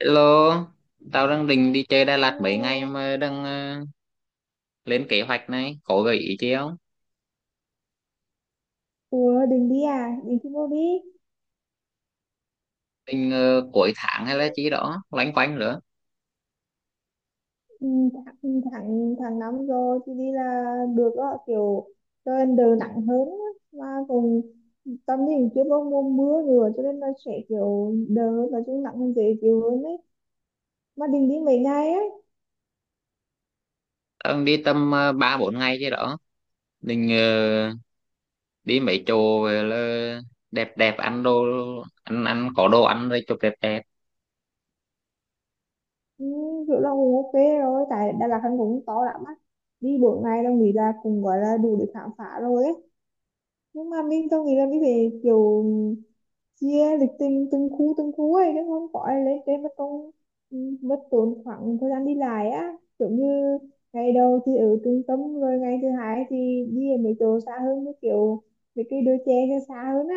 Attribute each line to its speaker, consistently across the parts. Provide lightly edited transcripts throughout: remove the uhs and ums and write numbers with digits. Speaker 1: Hello, tao đang định đi chơi Đà Lạt mấy ngày
Speaker 2: Hello.
Speaker 1: mà đang lên kế hoạch này, có gợi ý chi không?
Speaker 2: Ủa định đi à? Định đi vô đi.
Speaker 1: Định cuối tháng hay là chi đó, loanh quanh nữa.
Speaker 2: Ừ, tháng năm rồi thì đi là được đó. Kiểu trời đỡ nặng hơn á. Mà cũng tâm nhìn chưa có mùa mưa nữa cho nên là sẽ kiểu đỡ và chúng nặng hơn dễ chịu hơn đấy. Mà định đi mấy ngày ấy.
Speaker 1: Tao đang đi tầm ba bốn ngày chi đó, định đi mấy chỗ về là đẹp đẹp ăn đồ ăn ăn có đồ ăn rồi chụp đẹp đẹp.
Speaker 2: Ừ, kiểu là cũng ok rồi. Tại Đà Lạt hắn cũng to lắm á. Đi bốn ngày đâu nghĩ là cũng gọi là đủ để khám phá rồi ấy. Nhưng mà mình tôi nghĩ là mình phải kiểu chia lịch trình từng khu ấy chứ không có ai lên trên mất công ừ, mất tốn khoảng thời gian đi lại á, kiểu như ngày đầu thì ở trung tâm rồi ngày thứ hai thì đi ở mấy chỗ xa hơn, như kiểu mấy cái đôi chè cho xa hơn á,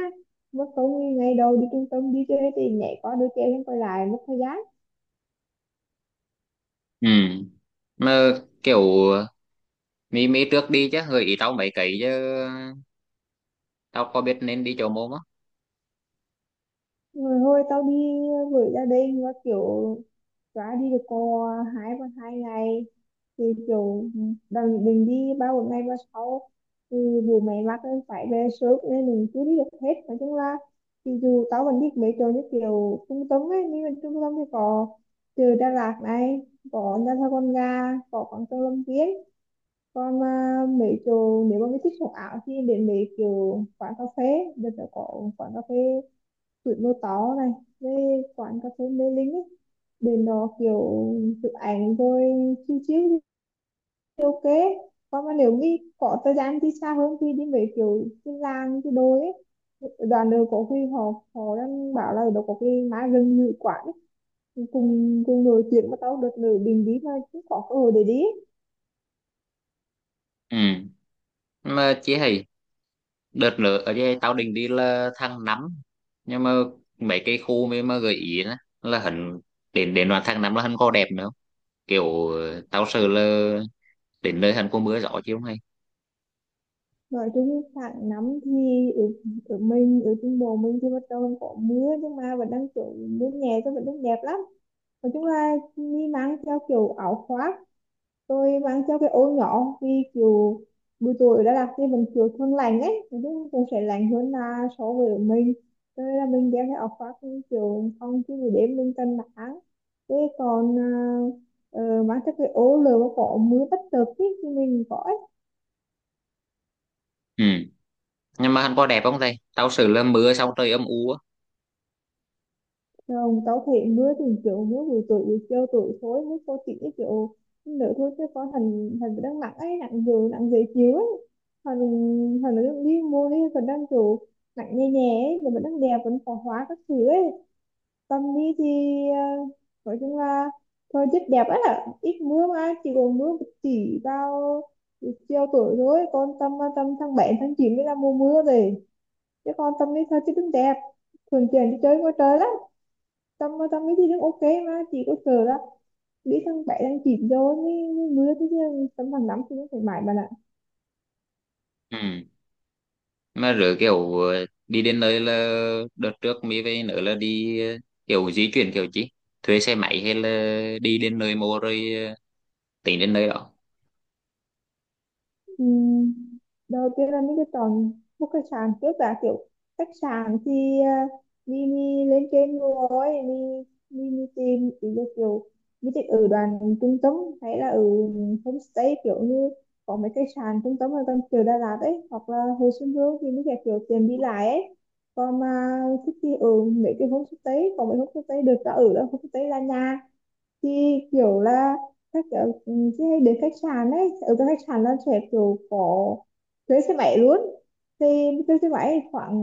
Speaker 2: mất công như ngày đầu đi trung tâm đi chơi thì nhảy qua đôi chè lên quay lại mất thời gian.
Speaker 1: Ừ. Mà kiểu mi mi trước đi chứ gợi ý tao mấy cái chứ tao có biết nên đi chỗ mô không?
Speaker 2: Rồi hồi tao đi với gia đình và kiểu trả đi được cô hai ba hai ngày thì kiểu đừng đừng đi ba một ngày ba sáu thì dù mày mắc nên phải về sớm nên mình chưa đi được hết, nói chung là thì dù tao vẫn biết mấy chỗ như kiểu trung tâm ấy nhưng mà trung tâm thì có từ Đà Lạt này, có Nha Trang Con Ga, có Quảng Châu Lâm Viên, còn à, mấy chỗ nếu mà mới thích sống ảo thì đến mấy kiểu quán cà phê, bây giờ có quán cà phê tuổi mơ tó này với quán cà phê Mê Linh ấy. Bên đó kiểu chụp ảnh rồi chill chill thì ok. Còn mà nếu như có thời gian đi xa hơn thì đi mấy kiểu cái làng cái đồi ấy, đoàn đường có khi họ họ đang bảo là ở đó có cái má rừng ngự quản ấy. Cùng cùng nổi chuyện mà tao đợt nữ bình đi mà cũng có cơ hội để đi ấy.
Speaker 1: Ừ. Mà chị hay đợt nữa ở đây tao định đi là tháng 5, nhưng mà mấy cái khu mà gợi ý đó, là hắn đến đến đoạn tháng 5 là hắn có đẹp nữa không? Kiểu tao sợ là đến nơi hắn có mưa gió chứ không hay.
Speaker 2: Nói chung tháng năm thì ở mình ở trung bộ mình thì bắt đầu có mưa nhưng mà vẫn đang kiểu mưa nhẹ cho vẫn đang đẹp lắm. Nói chung là mi mang theo kiểu áo khoác, tôi mang theo cái ô nhỏ, vì kiểu buổi tối ở Đà Lạt thì vẫn kiểu thường lạnh ấy, nói chung cũng sẽ lạnh hơn là so với ở mình, cho nên là mình đeo cái áo khoác thì kiểu không chứ buổi đêm mình cần nắng. Thế còn à, mang theo cái ô lửa mà có mưa bất chợt ý, thì mình có.
Speaker 1: Ừ. Nhưng mà hắn có đẹp không thầy, tao sợ là mưa xong trời âm u á.
Speaker 2: Không, tao thấy mưa thì kiểu mưa buổi tối buổi chiều tối thôi mới có, chỉ kiểu nữa thôi chứ có thằng thằng đang nặng ấy, nặng nhiều nặng dễ chịu ấy, thằng thằng nó đang đi mua đi còn đang kiểu nặng nhẹ nhẹ ấy nhưng mà đang đẹp vẫn có hóa các thứ ấy. Tâm đi thì ờ, nói chung là thôi rất đẹp ấy, là ít mưa mà chỉ còn mưa một chỉ vào buổi chiều tối thôi, còn tâm tâm tháng 7 tháng 9 mới là mùa mưa rồi, chứ còn tâm đi thôi chứ cũng đẹp, thường chuyển đi chơi ngoài trời lắm. Tâm Tâm cái gì cũng ok. Mà chị có sợ là biết thằng bé đang chìm vô như, như mưa thế chứ tấm bằng lắm thì nó phải mãi mà là.
Speaker 1: Ừ. Mà rồi kiểu đi đến nơi là đợt trước mới về nữa là đi kiểu di chuyển kiểu gì, thuê xe máy hay là đi đến nơi mua rồi tính đến nơi đó.
Speaker 2: Ừ, đầu tiên là mình cứ chọn một cái sàn trước đã, kiểu khách sạn thì uh, mình lên trên rồi mình tìm ý, là kiểu mình thích ở đoàn trung tâm hay là ở homestay, kiểu như có mấy cái sàn trung tâm ở gần kiểu Đà Lạt ấy hoặc là Hồ Xuân Hương thì mình sẽ kiểu tiền đi lại ấy. Còn mà thích thì ở mấy cái homestay, có mấy homestay được đã ở đó, homestay là nhà chị, kiểu là các kiểu, ừ, chị hay đến khách sạn ấy, ở cái khách sạn nó sẽ kiểu có thuê xe máy luôn. Thì thuê xe máy khoảng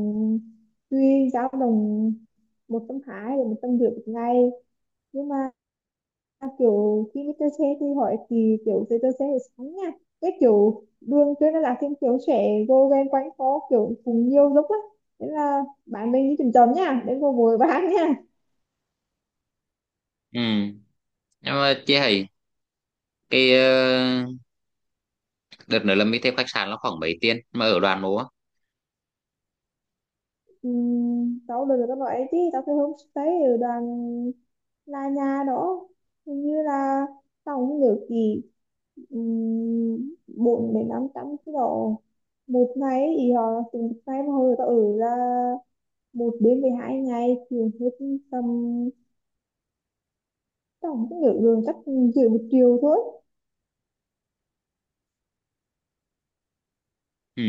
Speaker 2: tùy, dao động 120 đến 150 một ngày. Nhưng mà kiểu khi đi chơi xe thì hỏi thì kiểu chơi chơi xe thì sáng nha, cái kiểu đường trên nó là thêm kiểu trẻ vô ghen quanh phố kiểu cùng nhiều dốc á, thế là bạn mình đi chậm chậm nha đến cô vội bán nha.
Speaker 1: Ừ. Nhưng mà chứ hay cái đợt nữa là mình thêm khách sạn nó khoảng mấy tiền mà ở đoàn mô á.
Speaker 2: Ừ, tao được các loại chứ tao phải homestay ở đoàn là nhà đó, hình như là tao không nhớ gì, um, 4 đến 500 cái đó một ngày thì họ, từ một ngày mà hồi tao ở là một đến 12 ngày thì hết tầm, tao không nhớ được chắc dưới một triệu thôi.
Speaker 1: Ừ,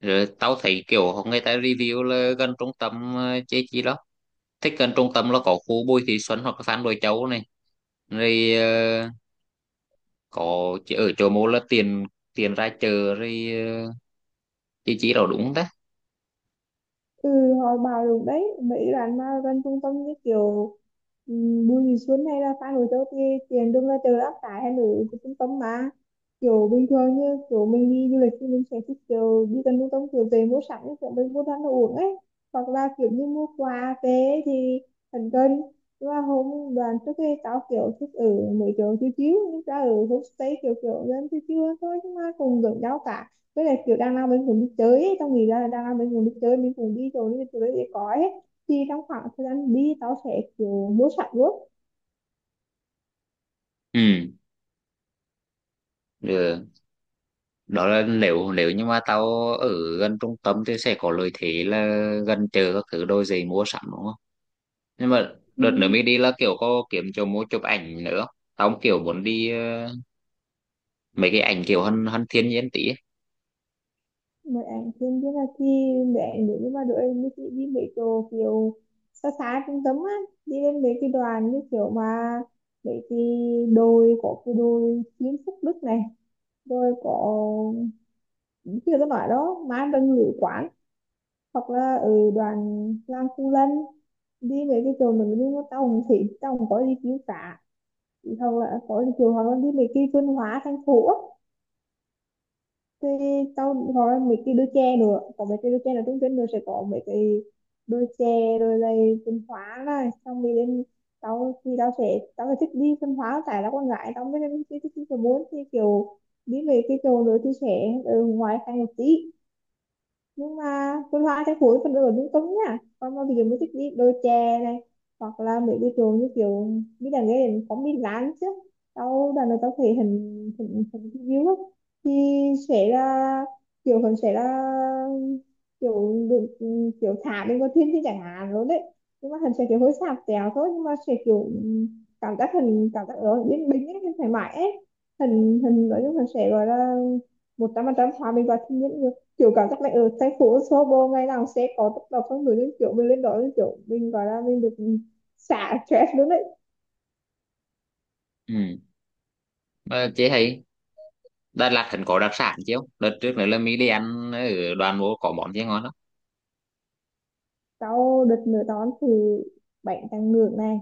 Speaker 1: rồi tao thấy kiểu người ta review là gần trung tâm chế chi đó, thích gần trung tâm là có khu Bùi Thị Xuân hoặc là Phan Bội Châu này, rồi có ở chỗ mô là tiền tiền ra chợ rồi chế chi đó đúng không ta.
Speaker 2: Ừ, hồi bảo được đấy mấy bạn mà gần trung tâm như kiểu Bùi Thị Xuân hay là Phan Bội Châu thì tiền đương là từ áp tải hay là từ trung tâm mà, kiểu bình thường như kiểu mình đi du lịch thì mình sẽ thích kiểu đi gần trung tâm kiểu về mua sắm như kiểu mình mua ăn đồ uống ấy, hoặc là kiểu như mua quà về thì thần cân. Nhưng mà hôm đoàn trước kia tao kiểu thích ở mấy chỗ chiếu chiếu nhưng ra ở homestay kiểu kiểu dân chiếu chiếu thôi nhưng mà cùng gần nhau cả, với lại kiểu đang lao bên vùng đi chơi ấy. Tao nghĩ ra là đang lao bên vùng đi chơi bên vùng đi rồi nên tụi nó sẽ có ấy, thì trong khoảng thời gian đi tao sẽ kiểu mua sắm luôn.
Speaker 1: Ừ, được. Đó là nếu nếu như mà tao ở gần trung tâm thì sẽ có lợi thế là gần chợ các thứ đôi giày mua sắm đúng không. Nhưng mà
Speaker 2: Ừ.
Speaker 1: đợt nữa mới đi là kiểu có kiếm chỗ mua chụp ảnh nữa không? Tao cũng kiểu muốn đi mấy cái ảnh kiểu hơn hơn thiên nhiên tí ấy.
Speaker 2: Mấy ảnh thêm biết là khi mẹ nếu như mà đội như đi mấy chỗ kiểu xa xa trung tâm á, đi lên mấy cái đoàn như kiểu mà mấy cái đồi, có cái đồi Kim Phúc Đức này, rồi có như tôi nói đó má đừng lữ quán, hoặc là ừ, đoàn làm khu lân. Đi mấy cái chỗ mình đi mua tàu thì tàu có đi chiếu cả, hoặc là có đi chiều, hoặc là đi mấy cái văn hóa thành phố á. Thì tàu hoặc là mấy cái đôi chè nữa, có mấy cái đôi chè là trung tâm nữa sẽ có mấy cái đôi chè, rồi là văn hóa này, xong đi đến, tao thì tao sẽ thích đi văn hóa tại là con gái tao mới thích thích thích muốn thì kiểu đi về cái chỗ nữa thì sẽ ở ngoài thành một tí, nhưng mà vườn hoa chắc phối vẫn ở lung tung nhá. Còn mà ví dụ mình thích đi đôi chè này, hoặc là mấy cái chỗ như kiểu đi đàn nghe đến có mi lán chứ, tao đàn này tao thấy hình hình hình view á, thì sẽ là kiểu hình sẽ là kiểu được, kiểu thả lên con thiên thì chẳng hạn luôn đấy, nhưng mà hình sẽ kiểu hơi sạp tèo thôi nhưng mà sẽ kiểu ừ, cảm giác hình cảm giác ở yên bình ấy thoải mái ấy. Hình hình nói chung hình sẽ gọi là 100% hòa mình vào thiên nhiên, kiểu cảm giác này ở thành phố Sobo ngày nào sẽ có tấp nập con người lên, kiểu mình lên đó lên kiểu mình gọi là mình được xả stress luôn đấy.
Speaker 1: Ừ. Mà chế thấy Đà Lạt hẳn có đặc sản chứ không? Đợt trước nữa là mỹ đi ăn ở đoàn vô có món gì ngon lắm.
Speaker 2: Sau đợt nửa đón thì bánh tráng ngược này,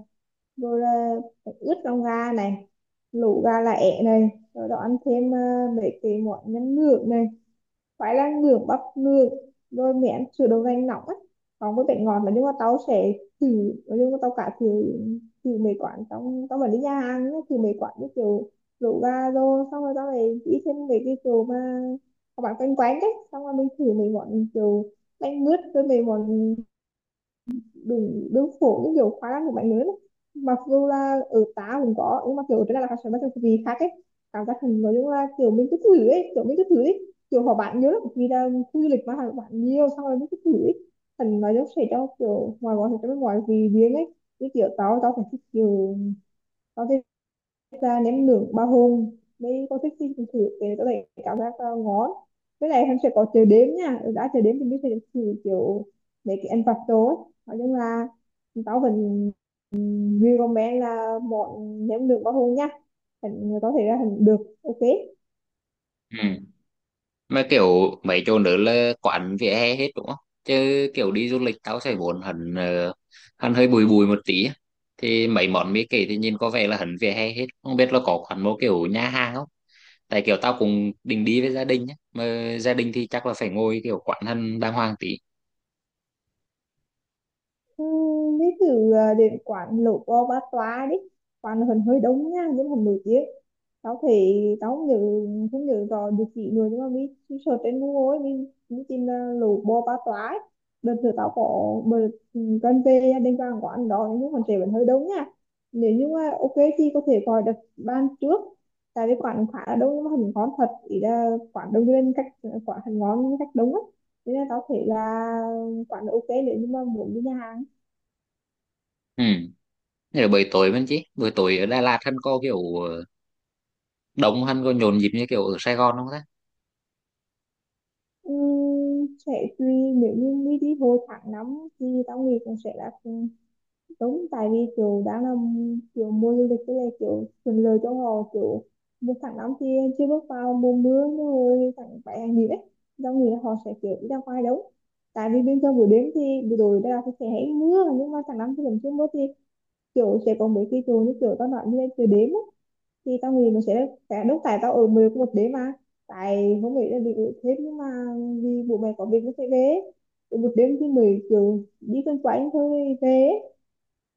Speaker 2: rồi là bánh ướt lòng gà này, lẩu gà lá é này, rồi đó ăn thêm ờ, mấy cái món nhân ngược này, phải là ngưỡng bắp ngược, rồi mẹ ăn sữa đậu nành nóng ấy, còn với bệnh ngọt là, nhưng mà tao sẽ thử. Nhưng mà tao cả thử, thử mấy quán trong tao vẫn đi nhà hàng nhá, thử mấy quán như kiểu rượu gà, rồi xong rồi tao lại đi thêm mấy cái kiểu mà các bạn quanh quán đấy, xong rồi mình thử mấy món kiểu bánh mướt với mấy món đúng đúng phổ, cái kiểu khóa năng của bạn lớn ấy. Mặc dù là ở tá cũng có nhưng mà kiểu ở trên là học sinh nó kiểu gì khác ấy, cảm giác hình nói chung là kiểu mình cứ thử ấy kiểu mình cứ thử ấy kiểu họ bạn nhớ lắm vì là khu du lịch mà họ bạn nhiều xong rồi mình cứ thử ấy, thành nói chung sẽ cho kiểu ngoài gọi sẽ cho bên ngoài vì riêng ấy. Cái kiểu tao tao phải thích kiểu, tao thì ra nếm nướng ba hôm mới có thích xin thử để có thể cảm giác ờ, ngon. Với lại em sẽ có chờ đếm nha, đã chờ đếm thì mình sẽ được thử kiểu mấy cái ăn vặt đó ấy. Nói chung là tao vẫn recommend là món nếm nướng ba hôm nha. Có thể là hình được. Ok.
Speaker 1: Ừ. Mà kiểu mấy chỗ nữa là quán vỉa hè hết đúng không, chứ kiểu đi du lịch tao sẽ muốn hẳn hẳn hơi bùi bùi một tí á. Thì mấy món mỹ kể thì nhìn có vẻ là hẳn vỉa hè hết, không biết là có quán một kiểu nhà hàng không, tại kiểu tao cũng định đi với gia đình nhé, mà gia đình thì chắc là phải ngồi kiểu quán hẳn đàng hoàng tí.
Speaker 2: Đi thử à, đến quán lẩu bò ba toa đi. Quán hình hơi đông nha nhưng mà nổi tiếng. Tao không nhớ, không nhớ rõ địa chỉ nữa, nhưng mà mình search trên Google ấy, mình tìm là lẩu bò ba toa ấy. Đợt thử tao có bờ cần về đến quán quán đó, nhưng mà trẻ vẫn hơi đông nha. Nếu như mà ok thì có thể gọi đặt ban trước, tại vì quán khá là đông nhưng mà hình ngon thật, ý là quán đông lên cách. Quán hình ngon nhưng cách đông á. Thế nên tao thấy là quán là ok nếu như mà muốn đi nhà hàng.
Speaker 1: Ừ. Thế là buổi tối vẫn chứ buổi tối ở Đà Lạt hắn có kiểu đông, hắn có nhộn nhịp như kiểu ở Sài Gòn không ta.
Speaker 2: Sẽ tùy. Nếu như đi đi hồi tháng năm thì tao nghĩ cũng sẽ là cũng đúng, tại vì kiểu đang là kiểu mùa du lịch, với lại kiểu thuận lợi cho họ kiểu một tháng năm thì chưa bước vào mùa mưa, nhưng rồi tháng bảy hay gì đấy tao nghĩ là họ sẽ kiểu đi ra ngoài đúng. Tại vì bên trong buổi đêm thì buổi tối đây là sẽ hay mưa, nhưng mà tháng năm thì vẫn chưa mưa thì kiểu sẽ có mấy cái chỗ như kiểu tao nói như là trời đêm á, thì tao nghĩ nó sẽ đốt. Tại tao ở mười có một đêm mà, tại không nghĩ là bị ở thêm, nhưng mà vì bố mẹ có việc nó phải về. Ở một đêm thì mười kiểu đi quanh quanh thôi về,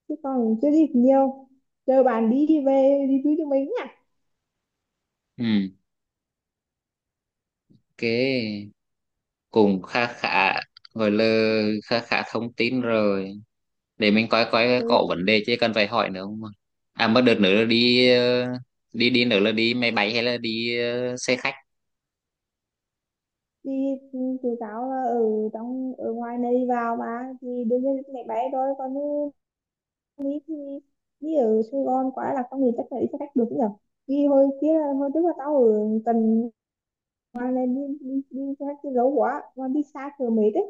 Speaker 2: chứ còn chưa gì nhiều. Chờ bạn đi về đi với tụi mình nhá.
Speaker 1: Ừ, cái cũng khá khá, gọi là khá khá thông tin rồi, để mình coi coi
Speaker 2: Ừ,
Speaker 1: có vấn đề chứ cần phải hỏi nữa không. À mà đợt nữa là đi đi đi nữa là đi máy bay hay là đi xe khách.
Speaker 2: thì ừ, tụi tao là ở trong, ở ngoài này vào mà thì đương nhiên mẹ bé thôi, còn như đi thì đi ở Sài Gòn quá là tao nghĩ chắc là đi xe khách được nhỉ. Vì hồi kia, hồi trước là tao ở tận Hoàng này, đi ra cái dấu quá Hoàng đi xa kiểu mệt đấy.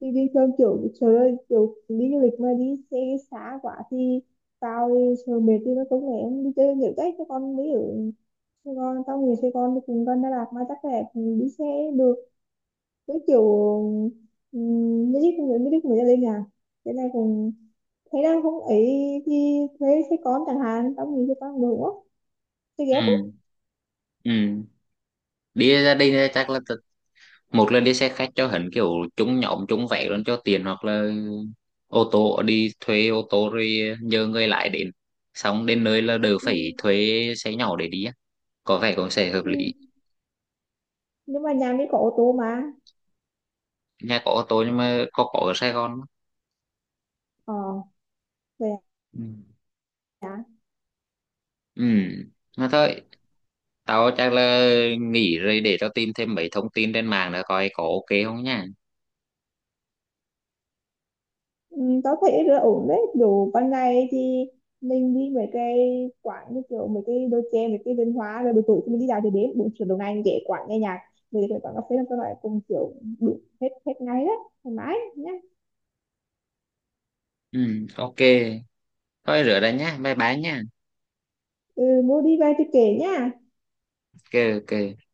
Speaker 2: Thì bình thường kiểu trời ơi kiểu đi du lịch mà đi xe xa quá thì tao đi trời mệt, thì nó cũng lẽ em đi chơi nhiều đấy cho con mới ở Sài Gòn. Tao người Sài Gòn thì cùng con Đà Lạt mà chắc là đi xe được. Với kiểu mới đi cùng người lên nhà thế này cùng, thế đang không ấy, thì thuê xe con chẳng hạn, tao nghĩ xe con được quá, xe ghép ấy.
Speaker 1: Ừ. Ừ, đi gia đình chắc là một là đi xe khách cho hẳn kiểu chúng nhóm chúng vẽ luôn cho tiền, hoặc là ô tô, đi thuê ô tô rồi nhờ người lái đến, xong đến nơi là đều
Speaker 2: Ừ.
Speaker 1: phải thuê xe nhỏ để đi á. Có vẻ cũng sẽ hợp
Speaker 2: Ừ.
Speaker 1: lý.
Speaker 2: Nhưng mà nhà mới có ô tô mà.
Speaker 1: Nhà có ô tô nhưng mà có ở Sài Gòn không?
Speaker 2: Ờ, vậy à.
Speaker 1: Ừ, mà thôi, tao chắc là nghỉ rồi, để tao tìm thêm mấy thông tin trên mạng nữa coi có ok không nha.
Speaker 2: Ừ, tớ thấy là ổn đấy, kiểu ban ngày thì mình đi mấy cái quán như kiểu mấy cái đồ chơi, mấy cái văn hóa, rồi buổi tối thì mình đi dạo, thì đến buổi chiều đầu ngày để quán nghe nhạc, về cái quán cà phê là các loại cùng kiểu đủ hết, hết ngày đấy, thoải mái nhá.
Speaker 1: Ừ, ok, thôi rửa đây nhá, bye bye nha.
Speaker 2: Ừ, mua đi về thì kể nhá.
Speaker 1: Ok. Ok.